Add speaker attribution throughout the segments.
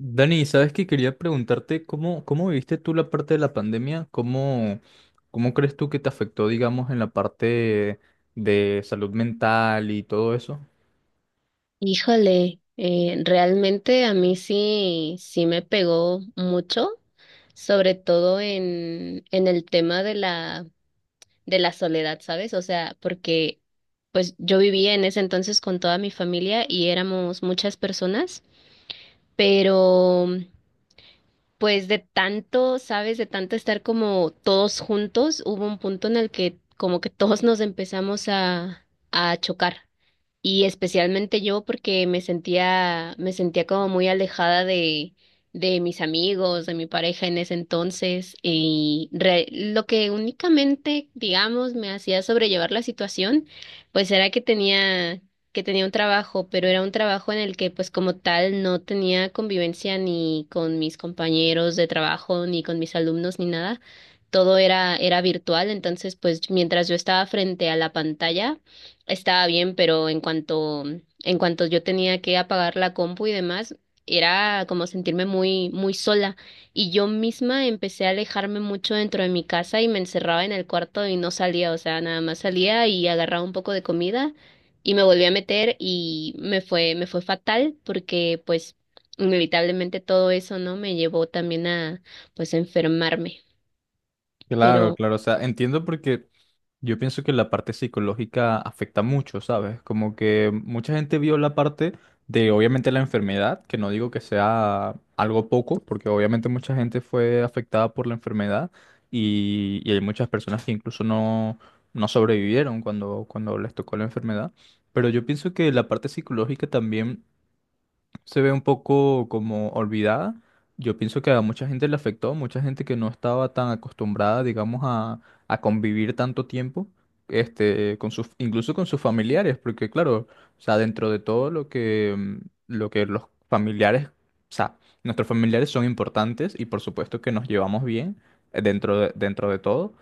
Speaker 1: Dani, ¿sabes que quería preguntarte cómo viviste tú la parte de la pandemia, cómo crees tú que te afectó, digamos, en la parte de salud mental y todo eso?
Speaker 2: Híjole, realmente a mí sí me pegó mucho, sobre todo en el tema de la soledad, ¿sabes? O sea, porque pues yo vivía en ese entonces con toda mi familia y éramos muchas personas, pero pues de tanto, ¿sabes? De tanto estar como todos juntos, hubo un punto en el que como que todos nos empezamos a chocar. Y especialmente yo porque me sentía como muy alejada de mis amigos, de mi pareja en ese entonces. Y lo que únicamente, digamos, me hacía sobrellevar la situación, pues era que que tenía un trabajo, pero era un trabajo en el que, pues como tal, no tenía convivencia ni con mis compañeros de trabajo, ni con mis alumnos, ni nada. Era virtual, entonces, pues mientras yo estaba frente a la pantalla, estaba bien, en cuanto yo tenía que apagar la compu y demás, era como sentirme muy, muy sola. Y yo misma empecé a alejarme mucho dentro de mi casa y me encerraba en el cuarto y no salía, o sea, nada más salía y agarraba un poco de comida y me volví a meter y me fue fatal porque pues inevitablemente todo eso, ¿no? Me llevó también a pues a enfermarme.
Speaker 1: Claro,
Speaker 2: Pero
Speaker 1: claro, o sea, entiendo porque yo pienso que la parte psicológica afecta mucho, ¿sabes? Como que mucha gente vio la parte de, obviamente, la enfermedad, que no digo que sea algo poco, porque obviamente mucha gente fue afectada por la enfermedad y hay muchas personas que incluso no sobrevivieron cuando les tocó la enfermedad, pero yo pienso que la parte psicológica también se ve un poco como olvidada. Yo pienso que a mucha gente le afectó, mucha gente que no estaba tan acostumbrada, digamos, a convivir tanto tiempo, este, incluso con sus familiares, porque claro, o sea, dentro de todo lo que, lo que los familiares, o sea, nuestros familiares son importantes y por supuesto que nos llevamos bien, dentro de todo,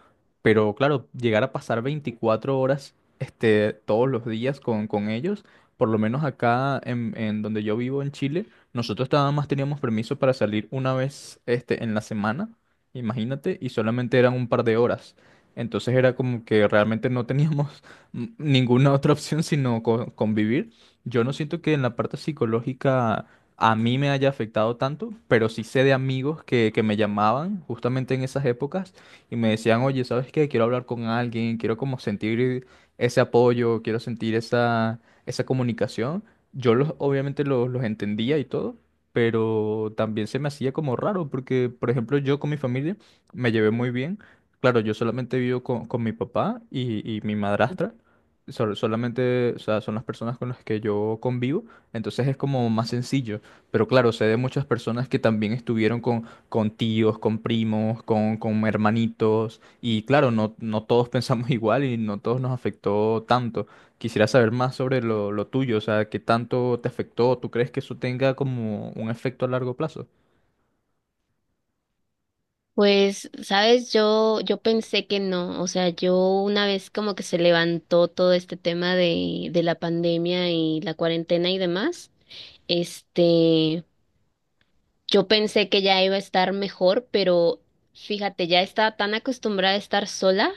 Speaker 1: pero claro, llegar a pasar 24 horas, este, todos los días con ellos, por lo menos acá en donde yo vivo en Chile. Nosotros nada más teníamos permiso para salir una vez, este, en la semana, imagínate, y solamente eran un par de horas. Entonces era como que realmente no teníamos ninguna otra opción sino convivir. Yo no siento que en la parte psicológica a mí me haya afectado tanto, pero sí sé de amigos que me llamaban justamente en esas épocas y me decían, oye, ¿sabes qué? Quiero hablar con alguien, quiero como sentir ese apoyo, quiero sentir esa comunicación. Yo obviamente los entendía y todo, pero también se me hacía como raro, porque, por ejemplo, yo con mi familia me llevé muy bien. Claro, yo solamente vivo con mi papá y mi madrastra. Solamente, o sea, son las personas con las que yo convivo, entonces es como más sencillo. Pero claro, sé de muchas personas que también estuvieron con tíos, con primos, con hermanitos, y claro, no, no todos pensamos igual y no todos nos afectó tanto. Quisiera saber más sobre lo tuyo, o sea, qué tanto te afectó. ¿Tú crees que eso tenga como un efecto a largo plazo?
Speaker 2: pues, sabes, yo pensé que no, o sea, yo una vez como que se levantó todo este tema de la pandemia y la cuarentena y demás, este, yo pensé que ya iba a estar mejor, pero fíjate, ya estaba tan acostumbrada a estar sola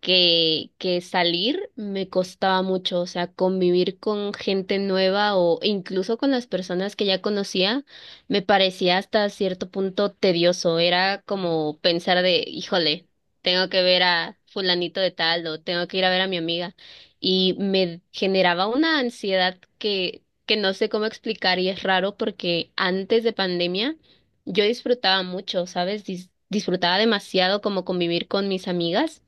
Speaker 2: que salir me costaba mucho, o sea, convivir con gente nueva o incluso con las personas que ya conocía, me parecía hasta cierto punto tedioso, era como pensar de, híjole, tengo que ver a fulanito de tal o tengo que ir a ver a mi amiga y me generaba una ansiedad que no sé cómo explicar y es raro porque antes de pandemia yo disfrutaba mucho, ¿sabes? Disfrutaba demasiado como convivir con mis amigas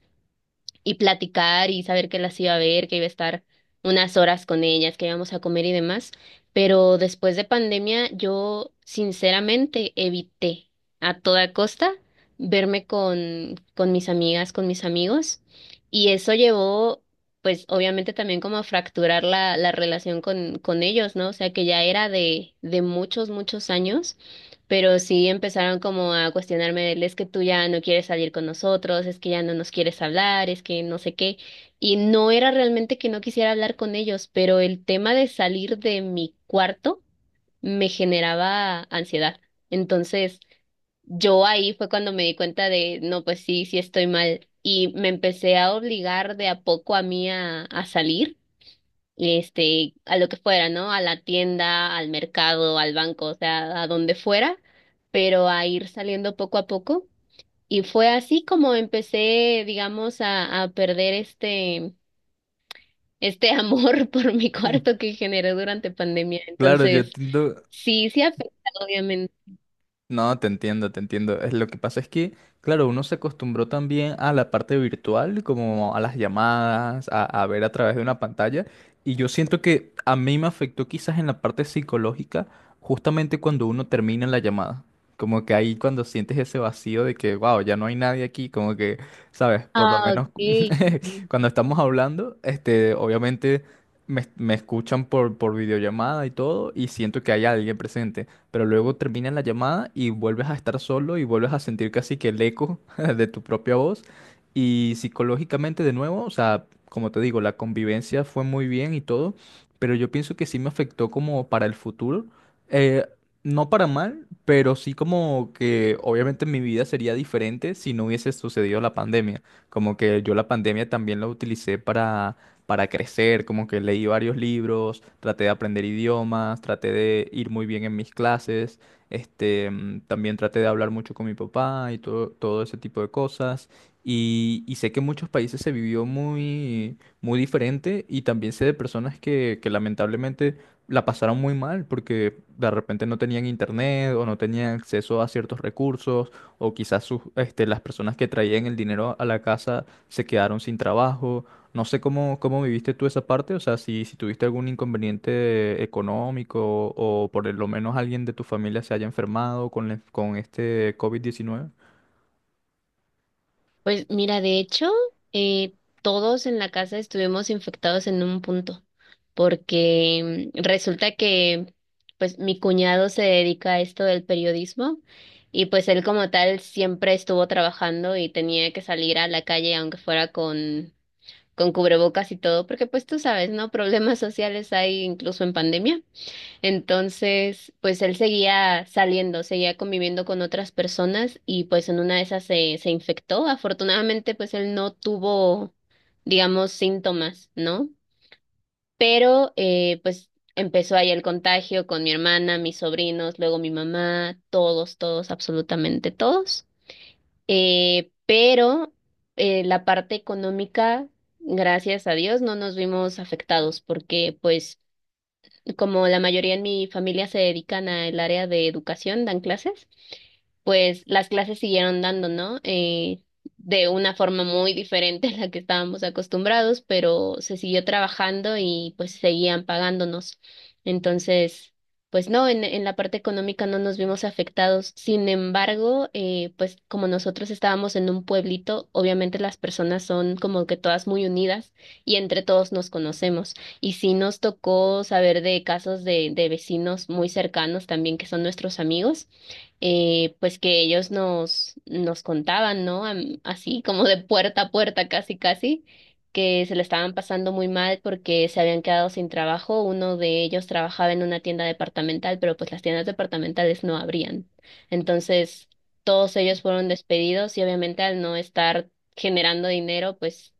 Speaker 2: y platicar y saber que las iba a ver, que iba a estar unas horas con ellas, que íbamos a comer y demás. Pero después de pandemia, yo sinceramente evité a toda costa verme con mis amigas, con mis amigos, y eso llevó, pues obviamente también como a fracturar la relación con ellos, ¿no? O sea que ya era de muchos, muchos años pero sí empezaron como a cuestionarme, el, es que tú ya no quieres salir con nosotros, es que ya no nos quieres hablar, es que no sé qué. Y no era realmente que no quisiera hablar con ellos, pero el tema de salir de mi cuarto me generaba ansiedad. Entonces, yo ahí fue cuando me di cuenta de, no, pues sí, sí estoy mal. Y me empecé a obligar de a poco a mí a salir este, a lo que fuera, ¿no? A la tienda, al mercado, al banco, o sea, a donde fuera, pero a ir saliendo poco a poco. Y fue así como empecé, digamos, a perder este amor por mi cuarto que generé durante pandemia.
Speaker 1: Claro, yo
Speaker 2: Entonces,
Speaker 1: entiendo.
Speaker 2: sí afecta, obviamente.
Speaker 1: No, te entiendo, te entiendo. Es lo que pasa es que, claro, uno se acostumbró también a la parte virtual, como a las llamadas, a ver a través de una pantalla. Y yo siento que a mí me afectó quizás en la parte psicológica, justamente cuando uno termina la llamada. Como que ahí cuando sientes ese vacío de que, wow, ya no hay nadie aquí, como que, ¿sabes? Por lo
Speaker 2: Ah,
Speaker 1: menos
Speaker 2: ok.
Speaker 1: cuando estamos hablando, este, obviamente me escuchan por videollamada y todo, y siento que hay alguien presente, pero luego termina la llamada y vuelves a estar solo y vuelves a sentir casi que el eco de tu propia voz. Y psicológicamente de nuevo, o sea, como te digo, la convivencia fue muy bien y todo, pero yo pienso que sí me afectó como para el futuro. Eh, no para mal, pero sí como que obviamente mi vida sería diferente si no hubiese sucedido la pandemia. Como que yo la pandemia también la utilicé para crecer, como que leí varios libros, traté de aprender idiomas, traté de ir muy bien en mis clases, este, también traté de hablar mucho con mi papá y todo, todo ese tipo de cosas. Y sé que en muchos países se vivió muy, muy diferente, y también sé de personas que lamentablemente la pasaron muy mal porque de repente no tenían internet o no tenían acceso a ciertos recursos, o quizás sus, este, las personas que traían el dinero a la casa se quedaron sin trabajo. No sé cómo, cómo viviste tú esa parte, o sea, si, si tuviste algún inconveniente económico o por lo menos alguien de tu familia se haya enfermado con, con este COVID-19.
Speaker 2: Pues mira, de hecho, eh, todos en la casa estuvimos infectados en un punto, porque resulta que pues mi cuñado se dedica a esto del periodismo y pues él como tal siempre estuvo trabajando y tenía que salir a la calle aunque fuera con cubrebocas y todo, porque pues tú sabes, ¿no? Problemas sociales hay incluso en pandemia. Entonces, pues él seguía saliendo, seguía conviviendo con otras personas y pues en una de esas se infectó. Afortunadamente, pues él no tuvo, digamos, síntomas, ¿no? Pero pues empezó ahí el contagio con mi hermana, mis sobrinos, luego mi mamá, todos, todos, absolutamente todos. Pero la parte económica, gracias a Dios, no nos vimos afectados porque pues como la mayoría en mi familia se dedican al área de educación, dan clases, pues las clases siguieron dando, ¿no? De una forma muy diferente a la que estábamos acostumbrados, pero se siguió trabajando y pues seguían pagándonos. Entonces, pues no, en la parte económica no nos vimos afectados. Sin embargo, pues como nosotros estábamos en un pueblito, obviamente las personas son como que todas muy unidas y entre todos nos conocemos. Y sí nos tocó saber de casos de vecinos muy cercanos también que son nuestros amigos pues que ellos nos contaban, ¿no? Así como de puerta a puerta, casi, casi, que se le estaban pasando muy mal porque se habían quedado sin trabajo. Uno de ellos trabajaba en una tienda departamental, pero pues las tiendas departamentales no abrían. Entonces, todos ellos fueron despedidos y obviamente al no estar generando dinero, pues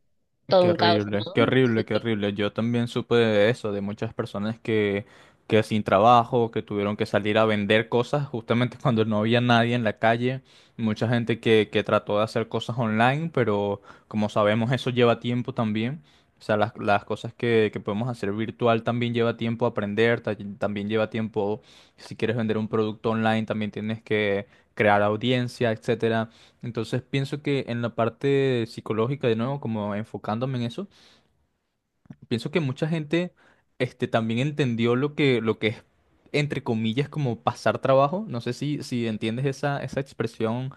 Speaker 2: todo
Speaker 1: Qué
Speaker 2: un caos,
Speaker 1: horrible, qué
Speaker 2: ¿no?
Speaker 1: horrible,
Speaker 2: Sí.
Speaker 1: qué horrible. Yo también supe de eso, de muchas personas que sin trabajo, que tuvieron que salir a vender cosas justamente cuando no había nadie en la calle. Mucha gente que trató de hacer cosas online, pero como sabemos eso lleva tiempo también. O sea, las cosas que podemos hacer virtual también lleva tiempo aprender, también lleva tiempo, si quieres vender un producto online, también tienes que crear audiencia, etcétera. Entonces pienso que en la parte psicológica, de nuevo, como enfocándome en eso, pienso que mucha gente, este, también entendió lo que es, entre comillas, como pasar trabajo. No sé si entiendes esa expresión,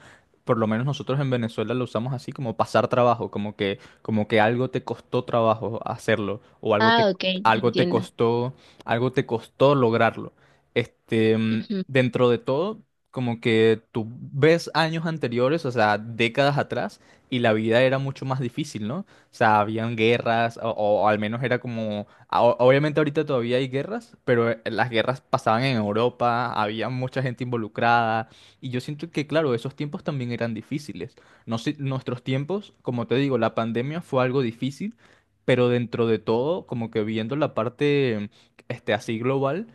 Speaker 1: por lo menos nosotros en Venezuela lo usamos así, como pasar trabajo, como que algo te costó trabajo hacerlo, o
Speaker 2: Ah, ok, ya
Speaker 1: algo te
Speaker 2: entiendo.
Speaker 1: costó, algo te costó lograrlo. Este, dentro de todo, como que tú ves años anteriores, o sea, décadas atrás, y la vida era mucho más difícil, ¿no? O sea, habían guerras, o al menos era como, obviamente ahorita todavía hay guerras, pero las guerras pasaban en Europa, había mucha gente involucrada, y yo siento que, claro, esos tiempos también eran difíciles. No sé, nuestros tiempos, como te digo, la pandemia fue algo difícil, pero dentro de todo, como que viendo la parte, este, así global,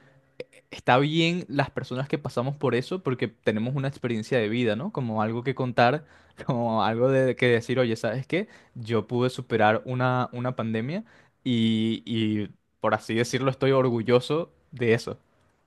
Speaker 1: está bien las personas que pasamos por eso porque tenemos una experiencia de vida, ¿no? Como algo que contar, como algo de que decir, oye, ¿sabes qué? Yo pude superar una pandemia y, por así decirlo, estoy orgulloso de eso.